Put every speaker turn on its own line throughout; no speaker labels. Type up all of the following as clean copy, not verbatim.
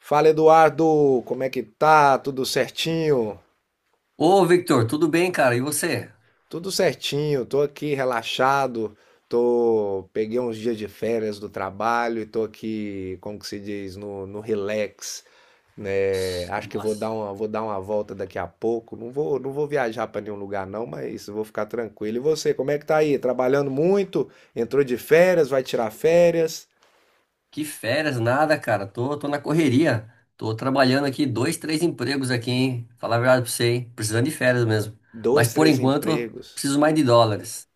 Fala Eduardo, como é que tá? Tudo certinho?
Ô, Victor, tudo bem, cara? E você?
Tudo certinho, tô aqui relaxado, tô peguei uns dias de férias do trabalho e tô aqui, como que se diz, no relax, né? Acho que
Nossa,
vou dar uma volta daqui a pouco. Não vou viajar para nenhum lugar não, mas vou ficar tranquilo. E você, como é que tá aí? Trabalhando muito? Entrou de férias? Vai tirar férias?
que férias, nada, cara. Tô na correria. Tô trabalhando aqui dois, três empregos aqui, hein? Falar a verdade pra você, hein? Precisando de férias mesmo. Mas
Dois,
por
três
enquanto,
empregos.
preciso mais de dólares.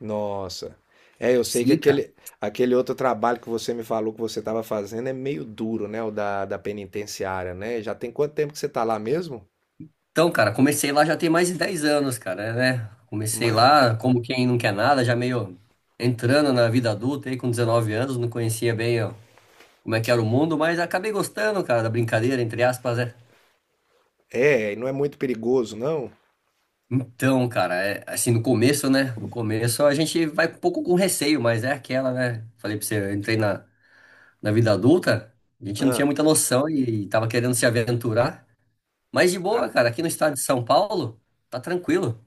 Nossa. É, eu sei que
Sim, cara.
aquele outro trabalho que você me falou que você estava fazendo é meio duro, né? O da penitenciária, né? Já tem quanto tempo que você tá lá mesmo?
Então, cara, comecei lá já tem mais de 10 anos, cara, né? Comecei
Mas.
lá como quem não quer nada, já meio entrando na vida adulta aí com 19 anos, não conhecia bem ó, como é que era o mundo, mas acabei gostando, cara, da brincadeira, entre aspas, né?
É, e não é muito perigoso, não?
Então, cara, é, assim, no começo, né? No começo a gente vai um pouco com receio, mas é aquela, né? Falei pra você, eu entrei na vida adulta, a gente não tinha
Ah,
muita noção e tava querendo se aventurar. Mas de
ah,
boa, cara, aqui no estado de São Paulo, tá tranquilo,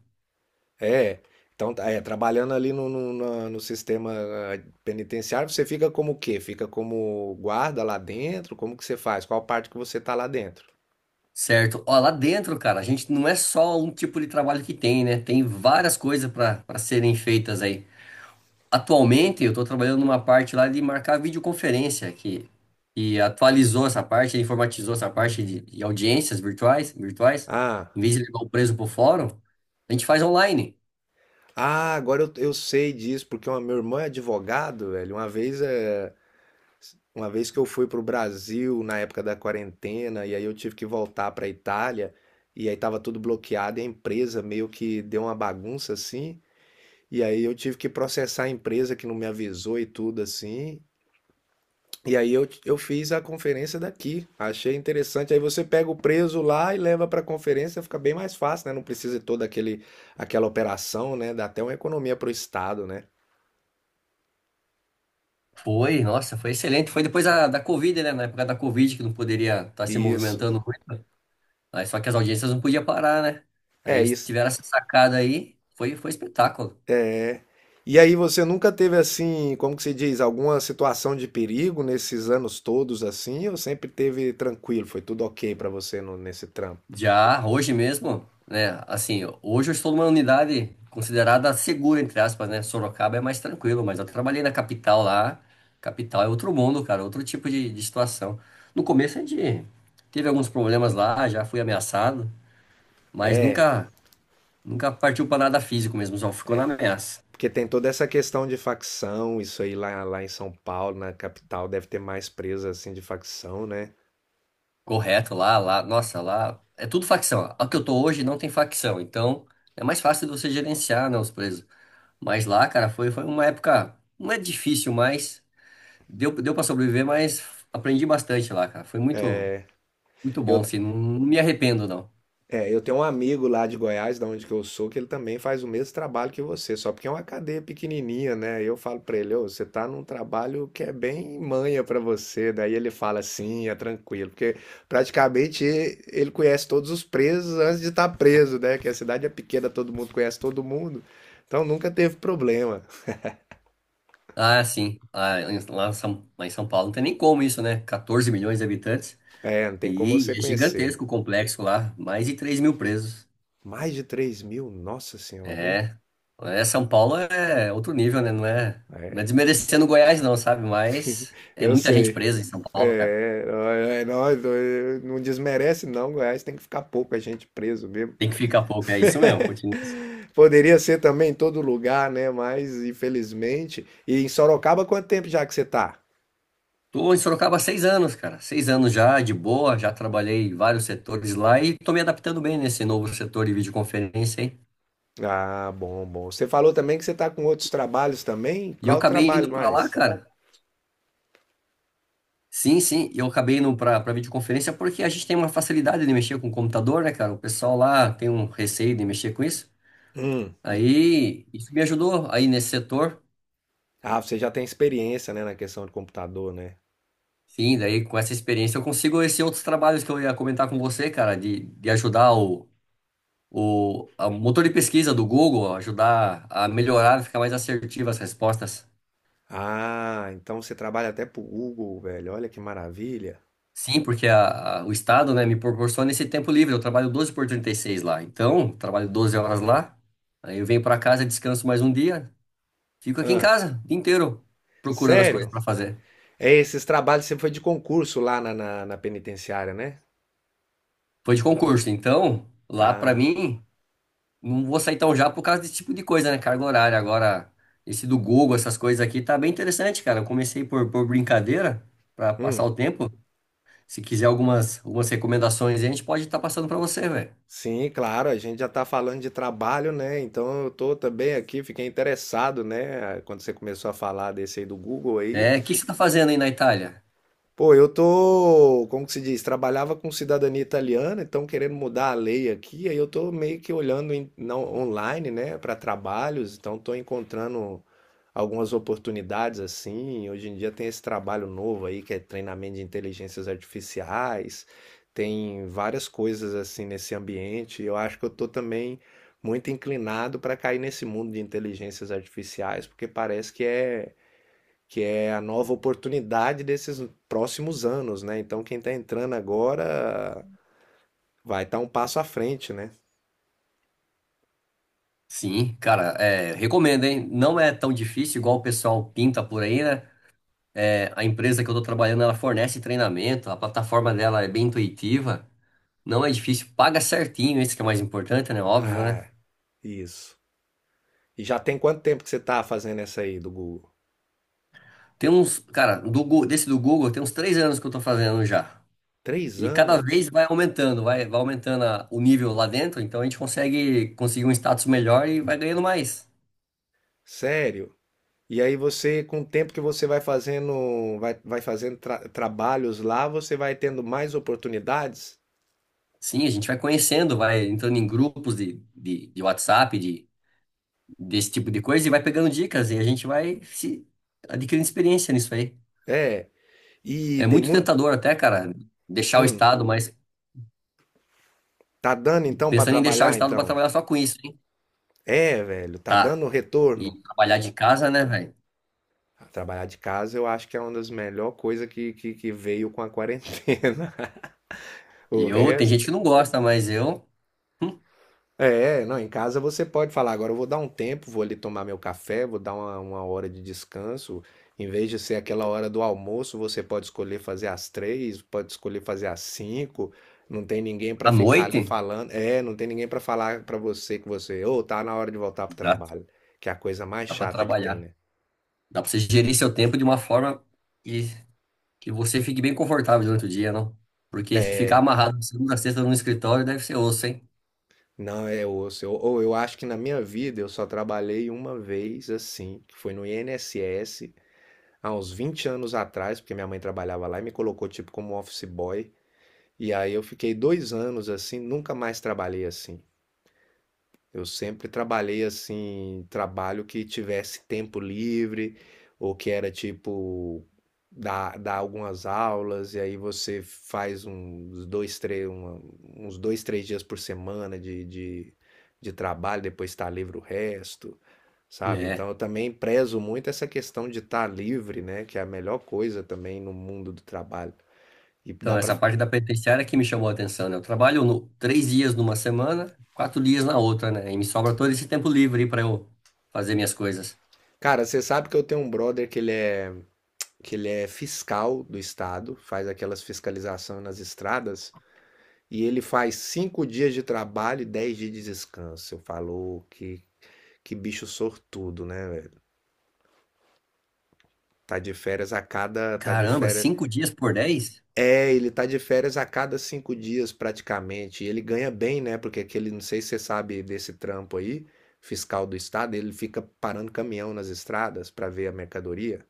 é. Então, tá, é, trabalhando ali no sistema ah, penitenciário, você fica como o quê? Fica como guarda lá dentro? Como que você faz? Qual parte que você tá lá dentro?
certo? Ó, lá dentro, cara, a gente não é só um tipo de trabalho que tem, né? Tem várias coisas pra para serem feitas aí. Atualmente eu estou trabalhando numa parte lá de marcar videoconferência que e atualizou essa parte, informatizou essa parte de audiências virtuais, virtuais. Em
Ah,
vez de levar o preso para o fórum, a gente faz online.
ah, agora eu sei disso, porque uma, meu irmão é advogado, velho. Uma vez que eu fui para o Brasil na época da quarentena, e aí eu tive que voltar para a Itália, e aí estava tudo bloqueado, e a empresa meio que deu uma bagunça assim, e aí eu tive que processar a empresa que não me avisou e tudo assim. E aí eu fiz a conferência daqui, achei interessante. Aí você pega o preso lá e leva para a conferência, fica bem mais fácil, né? Não precisa de toda aquele, aquela operação, né? Dá até uma economia para o Estado, né?
Foi, nossa, foi excelente. Foi depois da Covid, né? Na época da Covid que não poderia estar se
Isso.
movimentando muito. Aí, só que as audiências não podiam parar, né? Aí
É
eles
isso.
tiveram essa sacada aí, foi espetáculo.
É. E aí você nunca teve assim, como que se diz, alguma situação de perigo nesses anos todos assim, ou sempre teve tranquilo, foi tudo ok pra você nesse trampo?
Já hoje mesmo, né? Assim, hoje eu estou numa unidade considerada segura, entre aspas, né? Sorocaba é mais tranquilo, mas eu trabalhei na capital lá. Capital é outro mundo, cara, outro tipo de situação. No começo a gente teve alguns problemas lá, já fui ameaçado, mas
É,
nunca partiu para nada físico mesmo, só ficou na ameaça.
porque tem toda essa questão de facção, isso aí lá em São Paulo, na capital, deve ter mais presa assim de facção, né?
Correto, lá, nossa, lá é tudo facção. A que eu tô hoje não tem facção, então é mais fácil de você gerenciar, né, os presos. Mas lá, cara, foi uma época, não é difícil, mas. Deu para sobreviver, mas aprendi bastante lá, cara. Foi muito, muito bom,
Eu
assim. Não, não me arrependo, não.
É, eu tenho um amigo lá de Goiás, da onde que eu sou, que ele também faz o mesmo trabalho que você, só porque é uma cadeia pequenininha, né? Eu falo pra ele, ô, você tá num trabalho que é bem manha pra você. Daí ele fala assim, é tranquilo, porque praticamente ele conhece todos os presos antes de estar preso, né? Que a cidade é pequena, todo mundo conhece todo mundo, então nunca teve problema.
Ah, sim. Lá, em São Paulo não tem nem como isso, né? 14 milhões de habitantes.
É, não tem como você
E é
conhecer, né?
gigantesco o complexo lá. Mais de 3.000 presos.
Mais de 3 mil, nossa senhora, hein?
É. É, São Paulo é outro nível, né? Não é desmerecendo Goiás, não, sabe? Mas é
Eu
muita gente
sei.
presa em São Paulo, cara.
É, é nóis, é, não desmerece não, Goiás tem que ficar pouca gente preso mesmo.
Tem que ficar pouco. É isso mesmo. Continua assim.
Poderia ser também em todo lugar, né? Mas infelizmente. E em Sorocaba, quanto tempo já que você tá?
Tô em Sorocaba há 6 anos, cara. Seis anos já, de boa. Já trabalhei em vários setores lá e tô me adaptando bem nesse novo setor de videoconferência, hein?
Ah, bom, bom. Você falou também que você tá com outros trabalhos também?
E eu
Qual o
acabei indo
trabalho
pra lá,
mais?
cara. Sim, sim. E eu acabei indo pra videoconferência porque a gente tem uma facilidade de mexer com o computador, né, cara? O pessoal lá tem um receio de mexer com isso.
Hum.
Aí, isso me ajudou aí nesse setor.
Ah, você já tem experiência, né, na questão de computador, né?
Sim, daí com essa experiência eu consigo esses outros trabalhos que eu ia comentar com você, cara, de ajudar o motor de pesquisa do Google ajudar a melhorar, ficar mais assertivo as respostas.
Ah, então você trabalha até pro Google, velho. Olha que maravilha.
Sim, porque o Estado, né, me proporciona esse tempo livre. Eu trabalho 12 por 36 lá. Então, trabalho 12 horas lá. Aí eu venho para casa, descanso mais um dia. Fico aqui em
Ah,
casa o dia inteiro procurando as
sério?
coisas para fazer.
É, esses trabalhos sempre foi de concurso lá na penitenciária, né?
Foi de concurso. Então, lá para
Ah,
mim, não vou sair tão já por causa desse tipo de coisa, né? Carga horária. Agora, esse do Google, essas coisas aqui, tá bem interessante, cara. Eu comecei por brincadeira, para passar
hum.
o tempo. Se quiser algumas recomendações, aí, a gente pode estar passando para você, velho.
Sim, claro, a gente já está falando de trabalho, né? Então eu tô também aqui, fiquei interessado, né? Quando você começou a falar desse aí do Google aí,
É, o que você tá fazendo aí na Itália?
pô, eu tô, como que se diz, trabalhava com cidadania italiana, então querendo mudar a lei aqui, aí eu tô meio que olhando online, né, para trabalhos, então tô encontrando algumas oportunidades assim. Hoje em dia tem esse trabalho novo aí que é treinamento de inteligências artificiais, tem várias coisas assim nesse ambiente. Eu acho que eu tô também muito inclinado para cair nesse mundo de inteligências artificiais, porque parece que é a nova oportunidade desses próximos anos, né? Então quem está entrando agora vai estar um passo à frente, né?
Sim, cara, é, recomendo, hein? Não é tão difícil igual o pessoal pinta por aí, né? É, a empresa que eu tô trabalhando, ela fornece treinamento, a plataforma dela é bem intuitiva, não é difícil, paga certinho, isso que é mais importante, né? Óbvio, né?
Ah, isso. E já tem quanto tempo que você está fazendo essa aí do Google?
Tem uns, cara, desse do Google, tem uns 3 anos que eu tô fazendo já.
Três
E cada vez
anos?
vai aumentando o nível lá dentro, então a gente consegue conseguir um status melhor e vai ganhando mais.
Sério? E aí você, com o tempo que você vai fazendo, vai, vai fazendo trabalhos lá, você vai tendo mais oportunidades?
Sim, a gente vai conhecendo, vai entrando em grupos de WhatsApp, desse tipo de coisa, e vai pegando dicas, e a gente vai se adquirindo experiência nisso aí.
É. E
É
tem
muito
muito.
tentador até, cara, deixar o
Hum,
estado, mas
tá dando então para
pensando em deixar o
trabalhar
estado para
então?
trabalhar só com isso, hein?
É, velho, tá
Tá.
dando
E
retorno.
trabalhar de casa, né, velho?
Trabalhar de casa eu acho que é uma das melhor coisas que veio com a quarentena. O
E eu, tem gente
resto.
que não gosta, mas eu, hum,
É, não, em casa você pode falar, agora eu vou dar um tempo, vou ali tomar meu café, vou dar uma hora de descanso. Em vez de ser aquela hora do almoço, você pode escolher fazer às três, pode escolher fazer às cinco. Não tem ninguém para
à
ficar
noite,
ali falando. É, não tem ninguém para falar para você que você, ô, tá na hora de voltar pro
exato,
trabalho. Que é a coisa mais
dá para
chata que tem,
trabalhar.
né?
Dá para você gerir seu tempo de uma forma que Que você fique bem confortável durante o dia, não? Porque se ficar
É,
amarrado de segunda a sexta no escritório deve ser osso, hein?
não, é osso. Ou eu acho que na minha vida eu só trabalhei uma vez assim, que foi no INSS, há uns 20 anos atrás, porque minha mãe trabalhava lá e me colocou tipo como office boy. E aí eu fiquei 2 anos assim, nunca mais trabalhei assim. Eu sempre trabalhei assim, trabalho que tivesse tempo livre, ou que era tipo dar algumas aulas, e aí você faz uns dois, três, uns dois, três dias por semana de trabalho, depois está livre o resto, sabe? Então
É.
eu também prezo muito essa questão de estar livre, né? Que é a melhor coisa também no mundo do trabalho. E dá
Então,
pra.
essa parte da penitenciária que me chamou a atenção, né? Eu trabalho 3 dias numa semana, 4 dias na outra, né? E me sobra todo esse tempo livre para eu fazer minhas coisas.
Cara, você sabe que eu tenho um brother que ele é fiscal do estado, faz aquelas fiscalização nas estradas, e ele faz 5 dias de trabalho e 10 dias de descanso. Eu falo que bicho sortudo, né, velho? Tá de férias a cada. Tá de
Caramba,
férias.
5 dias por 10?
É, ele tá de férias a cada 5 dias praticamente. E ele ganha bem, né? Porque aquele, não sei se você sabe desse trampo aí, fiscal do estado, ele fica parando caminhão nas estradas para ver a mercadoria.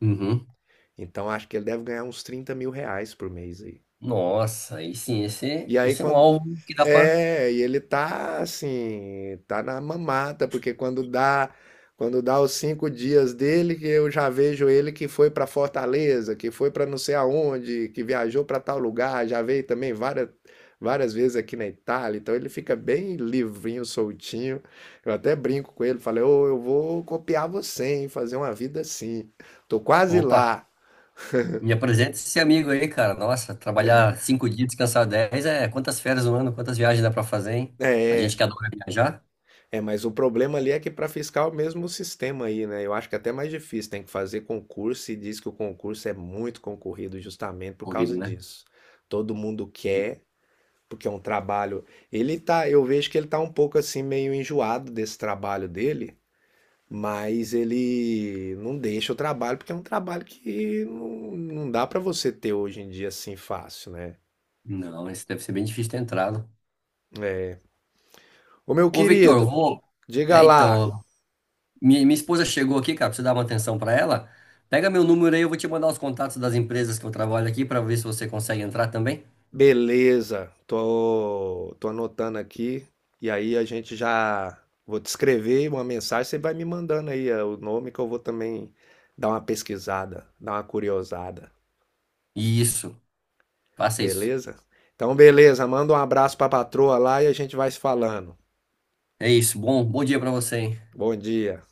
Uhum.
Então acho que ele deve ganhar uns 30 mil reais por mês aí.
Nossa, aí sim, esse,
E aí,
esse é um
quando,
alvo que dá pra.
é, e ele tá assim, tá na mamata, porque quando dá os 5 dias dele, que eu já vejo ele que foi pra Fortaleza, que foi pra não sei aonde, que viajou pra tal lugar, já veio também várias vezes aqui na Itália, então ele fica bem livrinho, soltinho. Eu até brinco com ele, falei, ô, eu vou copiar você, hein, fazer uma vida assim. Tô quase
Opa,
lá.
me apresenta esse amigo aí, cara. Nossa, trabalhar 5 dias, descansar 10, é quantas férias no ano, quantas viagens dá pra fazer, hein? A gente
É.
que adora viajar.
É, mas o problema ali é que para fiscal mesmo o mesmo sistema aí, né? Eu acho que é até mais difícil, tem que fazer concurso e diz que o concurso é muito concorrido justamente por
Corrido,
causa
né?
disso. Todo mundo quer, porque é um trabalho. Ele tá, eu vejo que ele tá um pouco assim meio enjoado desse trabalho dele, mas ele não deixa o trabalho porque é um trabalho que não dá para você ter hoje em dia assim fácil, né?
Não, esse deve ser bem difícil ter entrado.
É. Ô meu
Ô, Victor, eu é.
querido,
Vou.
diga
É,
lá.
então, minha esposa chegou aqui, cara, pra você dar uma atenção pra ela. Pega meu número aí, eu vou te mandar os contatos das empresas que eu trabalho aqui pra ver se você consegue entrar também.
Beleza, tô anotando aqui e aí a gente já vou te escrever uma mensagem, você vai me mandando aí o nome que eu vou também dar uma pesquisada, dar uma curiosada,
Isso, faça isso.
beleza? Então beleza, manda um abraço pra patroa lá e a gente vai se falando.
É isso, bom dia pra você, hein?
Bom dia.